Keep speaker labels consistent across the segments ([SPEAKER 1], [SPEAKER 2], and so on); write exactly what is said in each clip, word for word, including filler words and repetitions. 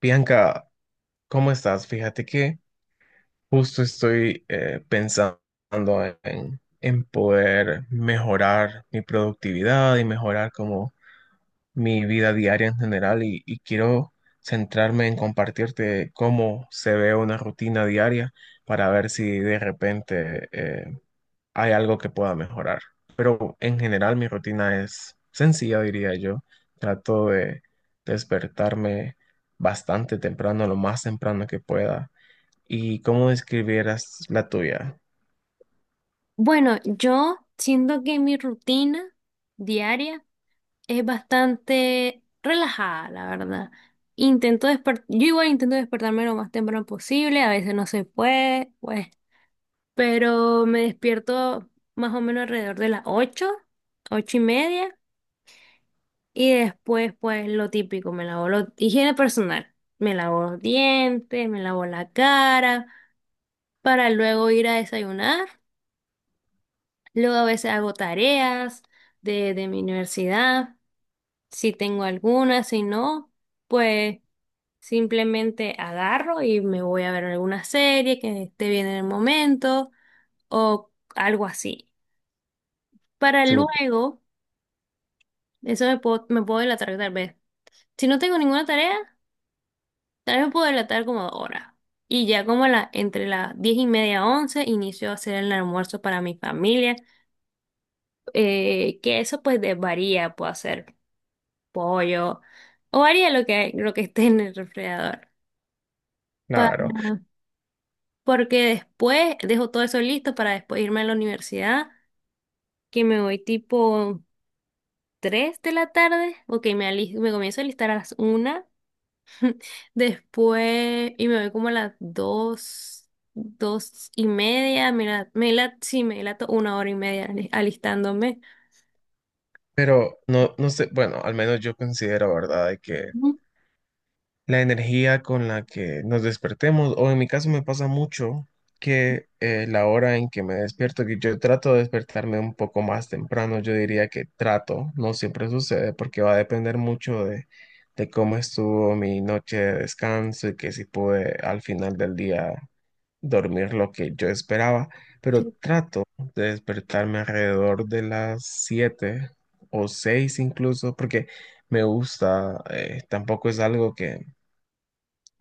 [SPEAKER 1] Bianca, ¿cómo estás? Fíjate que justo estoy eh, pensando en, en poder mejorar mi productividad y mejorar como mi vida diaria en general y, y quiero centrarme en compartirte cómo se ve una rutina diaria para ver si de repente eh, hay algo que pueda mejorar. Pero en general mi rutina es sencilla, diría yo. Trato de despertarme bastante temprano, lo más temprano que pueda. ¿Y cómo describieras la tuya?
[SPEAKER 2] Bueno, yo siento que mi rutina diaria es bastante relajada, la verdad. Intento despertar, yo igual intento despertarme lo más temprano posible. A veces no se puede, pues, pero me despierto más o menos alrededor de las ocho, ocho y media. Y después, pues, lo típico: me lavo lo, higiene personal, me lavo los dientes, me lavo la cara, para luego ir a desayunar. Luego a veces hago tareas de, de mi universidad, si tengo alguna. Si no, pues simplemente agarro y me voy a ver alguna serie que esté bien en el momento, o algo así. Para
[SPEAKER 1] Súper,
[SPEAKER 2] luego, eso me puedo, me puedo delatar tal vez. Si no tengo ninguna tarea, tal vez me puedo delatar como ahora. Y ya como a la, entre las diez y media, once, inicio a hacer el almuerzo para mi familia. eh, que eso pues de- varía, puedo hacer pollo, o haría lo que, lo que esté en el refrigerador. Para,
[SPEAKER 1] claro.
[SPEAKER 2] porque después dejo todo eso listo para después irme a la universidad, que me voy tipo tres de la tarde. Ok, me, ali- me comienzo a listar a las una, después, y me voy como a las dos, dos y media. Me la, me la, sí, me la to- Una hora y media ali- alistándome.
[SPEAKER 1] Pero no, no sé, bueno, al menos yo considero, ¿verdad?, de que
[SPEAKER 2] Ujú.
[SPEAKER 1] la energía con la que nos despertemos, o en mi caso me pasa mucho que eh, la hora en que me despierto, que yo trato de despertarme un poco más temprano, yo diría que trato, no siempre sucede porque va a depender mucho de, de cómo estuvo mi noche de descanso y que si pude al final del día dormir lo que yo esperaba, pero trato de despertarme alrededor de las siete o seis incluso, porque me gusta, eh, tampoco es algo que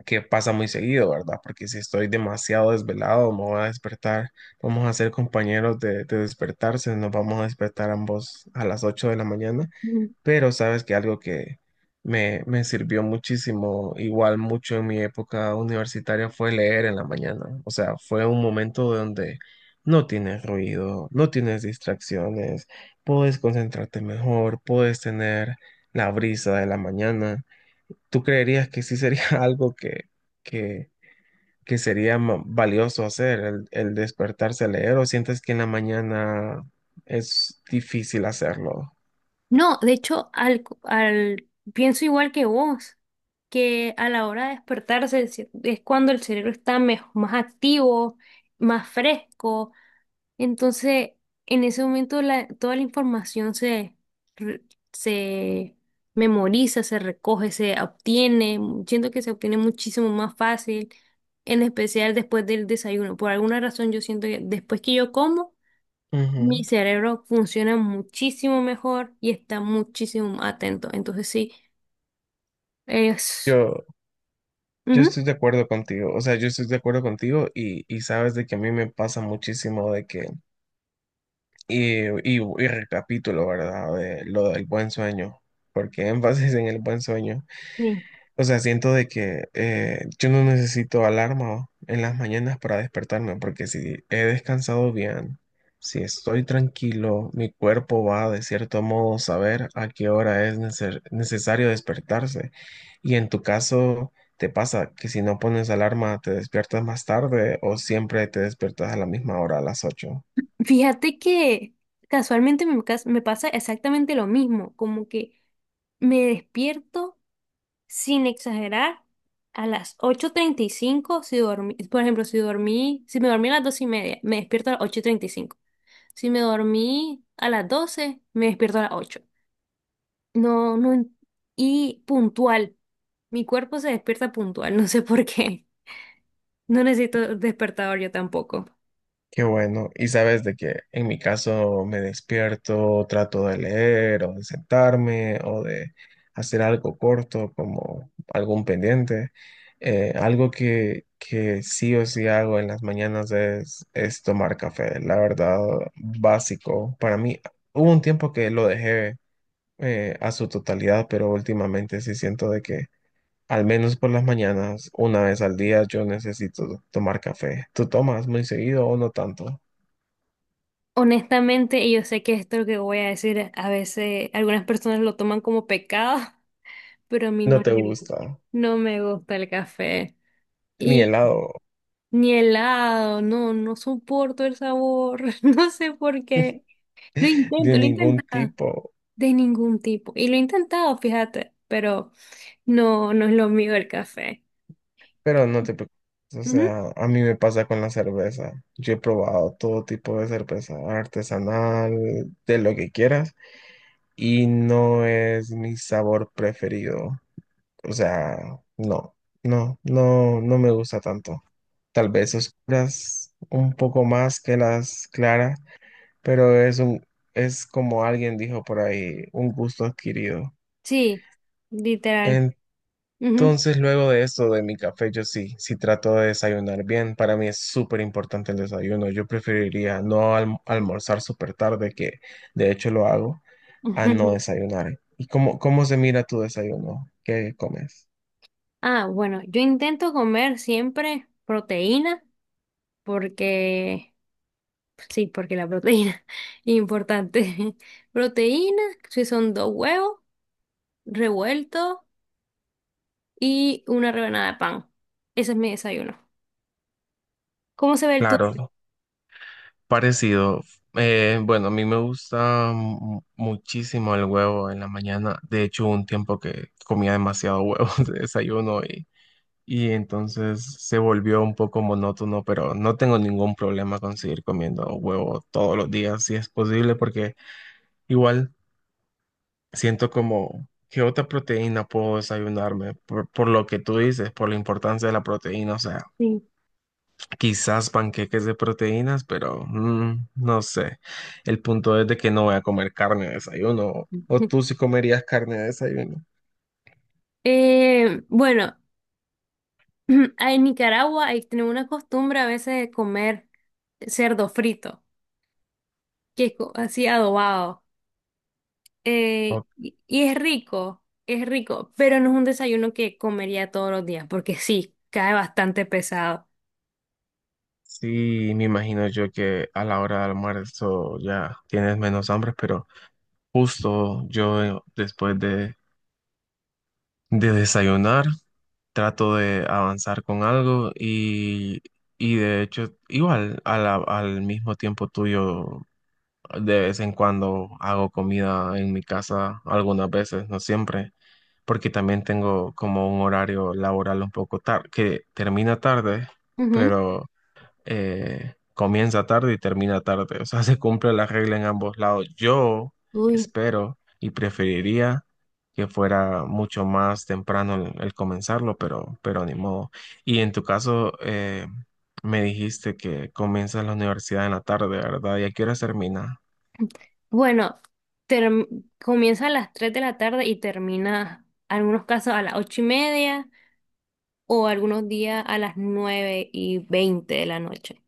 [SPEAKER 1] que pasa muy seguido, ¿verdad? Porque si estoy demasiado desvelado, me voy a despertar, vamos a ser compañeros de, de despertarse, nos vamos a despertar ambos a las ocho de la mañana,
[SPEAKER 2] Sí.
[SPEAKER 1] pero sabes que algo que me, me sirvió muchísimo, igual mucho en mi época universitaria, fue leer en la mañana, o sea, fue un momento donde no tienes ruido, no tienes distracciones, puedes concentrarte mejor, puedes tener la brisa de la mañana. ¿Tú creerías que sí sería algo que, que, que sería ma- valioso hacer, el, el despertarse a leer, o sientes que en la mañana es difícil hacerlo?
[SPEAKER 2] No, de hecho, al, al pienso igual que vos, que a la hora de despertarse, el cere- es cuando el cerebro está mej- más activo, más fresco. Entonces, en ese momento la- toda la información se, re- se memoriza, se recoge, se obtiene. Siento que se obtiene muchísimo más fácil, en especial después del desayuno. Por alguna razón, yo siento que después que yo como, mi
[SPEAKER 1] Ujú.
[SPEAKER 2] cerebro funciona muchísimo mejor y está muchísimo más atento. Entonces sí, es...
[SPEAKER 1] Yo, yo
[SPEAKER 2] Ujú,
[SPEAKER 1] estoy de acuerdo contigo, o sea, yo estoy de acuerdo contigo y, y sabes de que a mí me pasa muchísimo de que, y, y, y recapitulo, ¿verdad? De lo del buen sueño, porque énfasis en el buen sueño.
[SPEAKER 2] sí.
[SPEAKER 1] O sea, siento de que eh, yo no necesito alarma en las mañanas para despertarme, porque si he descansado bien, si estoy tranquilo, mi cuerpo va de cierto modo a saber a qué hora es necer- necesario despertarse. Y en tu caso, ¿te pasa que si no pones alarma te despiertas más tarde o siempre te despiertas a la misma hora, a las ocho?
[SPEAKER 2] Fíjate que casualmente me, cas- me pasa exactamente lo mismo, como que me despierto sin exagerar a las ocho treinta y cinco si dormí. Por ejemplo, si dormí, si me dormí a las dos y media, me despierto a las ocho treinta y cinco. Si me dormí a las doce, me despierto a las ocho. No, no. en- Y puntual. Mi cuerpo se despierta puntual, no sé por qué. No necesito despertador yo tampoco.
[SPEAKER 1] Qué bueno. Y sabes de que en mi caso me despierto, trato de leer o de sentarme o de hacer algo corto como algún pendiente. Eh, algo que, que sí o sí hago en las mañanas es, es tomar café. La verdad, básico. Para mí, hubo un tiempo que lo dejé eh, a su totalidad, pero últimamente sí siento de que al menos por las mañanas, una vez al día, yo necesito tomar café. ¿Tú tomas muy seguido o no tanto?
[SPEAKER 2] Honestamente, y yo sé que esto lo que voy a decir, a veces algunas personas lo toman como pecado, pero a mí
[SPEAKER 1] No
[SPEAKER 2] no
[SPEAKER 1] te
[SPEAKER 2] me, gu-
[SPEAKER 1] gusta
[SPEAKER 2] no me gusta el café.
[SPEAKER 1] ni
[SPEAKER 2] Y
[SPEAKER 1] helado
[SPEAKER 2] ni helado, no, no soporto el sabor, no sé por qué. Lo intento,
[SPEAKER 1] de
[SPEAKER 2] lo he
[SPEAKER 1] ningún
[SPEAKER 2] intentado
[SPEAKER 1] tipo,
[SPEAKER 2] de ningún tipo. Y lo he intentado, fíjate, pero no, no es lo mío el café.
[SPEAKER 1] pero no te preocupes. O sea, a mí me pasa con la cerveza. Yo he probado todo tipo de cerveza artesanal, de lo que quieras, y no es mi sabor preferido. O sea, no, no, no, no me gusta tanto. Tal vez oscuras un poco más que las claras, pero es un, es como alguien dijo por ahí, un gusto adquirido.
[SPEAKER 2] Sí, literal.
[SPEAKER 1] En
[SPEAKER 2] Ujú,
[SPEAKER 1] Entonces, luego de esto, de mi café, yo sí, sí trato de desayunar bien. Para mí es súper importante el desayuno. Yo preferiría no alm- almorzar súper tarde, que de hecho lo hago, a no
[SPEAKER 2] ujú.
[SPEAKER 1] desayunar. ¿Y cómo, cómo se mira tu desayuno? ¿Qué comes?
[SPEAKER 2] Ah, bueno, yo intento comer siempre proteína, porque, pues sí, porque la proteína es importante. Proteína, si son dos huevos revueltos y una rebanada de pan. Ese es mi desayuno. ¿Cómo se ve el
[SPEAKER 1] Claro,
[SPEAKER 2] tuyo?
[SPEAKER 1] parecido. Eh, bueno, a mí me gusta mu- muchísimo el huevo en la mañana. De hecho, hubo un tiempo que comía demasiado huevo de desayuno y entonces se volvió un poco monótono, pero no tengo ningún problema con seguir comiendo huevo todos los días si es posible, porque igual siento como que otra proteína puedo desayunarme por, por lo que tú dices, por la importancia de la proteína, o sea,
[SPEAKER 2] Sí.
[SPEAKER 1] quizás panqueques de proteínas, pero mm, no sé. El punto es de que no voy a comer carne de desayuno. ¿O tú sí comerías carne de desayuno?
[SPEAKER 2] Eh, bueno, en Nicaragua hay tenemos una costumbre a veces de comer cerdo frito, que es co- así adobado.
[SPEAKER 1] O
[SPEAKER 2] Eh, y, y es rico, es rico, pero no es un desayuno que comería todos los días, porque sí, cae bastante pesado.
[SPEAKER 1] Sí, me imagino yo que a la hora del almuerzo ya tienes menos hambre, pero justo yo eh, después de, de desayunar trato de avanzar con algo y, y de hecho igual a la- al mismo tiempo tuyo de vez en cuando hago comida en mi casa algunas veces, no siempre, porque también tengo como un horario laboral un poco tarde que termina tarde,
[SPEAKER 2] Ujú.
[SPEAKER 1] pero eh, comienza tarde y termina tarde. O sea, se cumple la regla en ambos lados. Yo
[SPEAKER 2] Uy.
[SPEAKER 1] espero y preferiría que fuera mucho más temprano el, el comenzarlo, pero, pero, ni modo. Y en tu caso, eh, me dijiste que comienzas la universidad en la tarde, ¿verdad? ¿Y a qué hora termina?
[SPEAKER 2] Bueno, term- comienza a las tres de la tarde y termina, algunos casos, a las ocho y media, o algunos días a las nueve y veinte de la noche.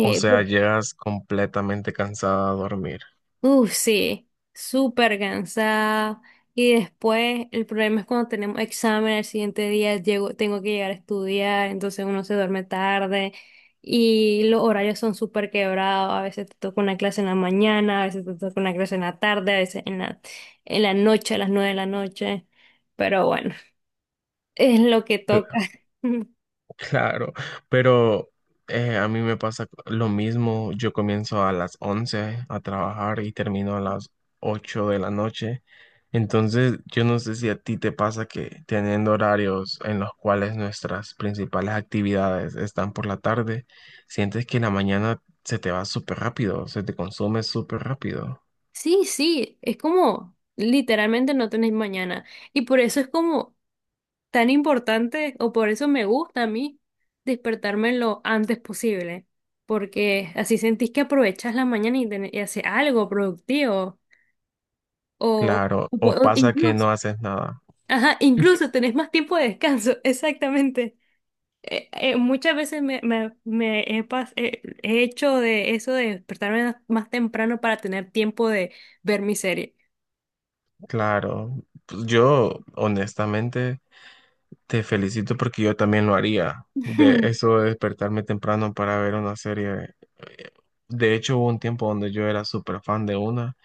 [SPEAKER 1] O sea, llegas completamente cansada a dormir.
[SPEAKER 2] Uf, sí, súper cansada. Y después el problema es cuando tenemos examen el siguiente día, llego, tengo que llegar a estudiar, entonces uno se duerme tarde, y los horarios son súper quebrados. A veces te toca una clase en la mañana, a veces te toca una clase en la tarde, a veces en la, en la noche, a las nueve de la noche. Pero bueno, es lo que toca.
[SPEAKER 1] Claro, pero eh, a mí me pasa lo mismo. Yo comienzo a las once a trabajar y termino a las ocho de la noche. Entonces, yo no sé si a ti te pasa que teniendo horarios en los cuales nuestras principales actividades están por la tarde, sientes que la mañana se te va súper rápido, se te consume súper rápido.
[SPEAKER 2] Sí, sí, es como literalmente no tenés mañana. Y por eso es como... tan importante, o por eso me gusta a mí despertarme lo antes posible, porque así sentís que aprovechas la mañana y, tenés- y haces algo productivo. O,
[SPEAKER 1] Claro,
[SPEAKER 2] o-
[SPEAKER 1] o
[SPEAKER 2] o
[SPEAKER 1] pasa que
[SPEAKER 2] incluso,
[SPEAKER 1] no haces nada.
[SPEAKER 2] ajá, incluso tenés más tiempo de descanso, exactamente. Eh, eh, muchas veces me, me, me he, pas- eh, he hecho de eso de despertarme más temprano para tener tiempo de ver mi serie.
[SPEAKER 1] Claro, pues yo honestamente. Te felicito porque yo también lo haría. De eso de despertarme temprano para ver una serie. eh, De hecho, hubo un tiempo donde yo era súper fan de una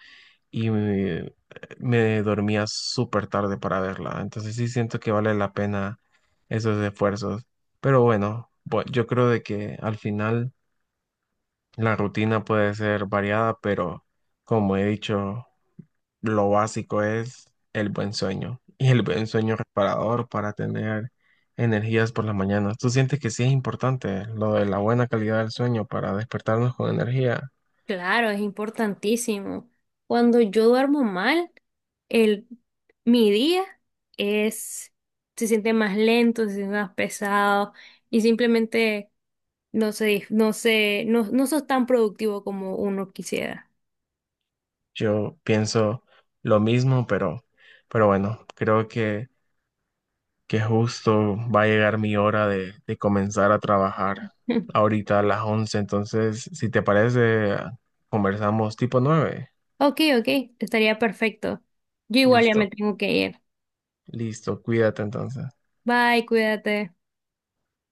[SPEAKER 1] y me, me dormía súper tarde para verla. Entonces sí siento que vale la pena esos esfuerzos. Pero bueno, bu- yo creo de que al final la rutina puede ser variada, pero como he dicho, lo básico es el buen sueño y el buen sueño reparador para tener energías por las mañanas. ¿Tú sientes que sí es importante lo de la buena calidad del sueño para despertarnos con energía?
[SPEAKER 2] Claro, es importantísimo. Cuando yo duermo mal, el, mi día es, se siente más lento, se siente más pesado, y simplemente no sé, no sé, no, no sos tan productivo como uno quisiera.
[SPEAKER 1] Yo pienso lo mismo, pero, pero, bueno, creo que, que justo va a llegar mi hora de, de comenzar a trabajar ahorita a las once. Entonces, si te parece, conversamos tipo nueve.
[SPEAKER 2] Ok, ok, estaría perfecto. Yo igual ya me
[SPEAKER 1] Listo,
[SPEAKER 2] tengo que ir.
[SPEAKER 1] listo, cuídate entonces.
[SPEAKER 2] Bye, cuídate.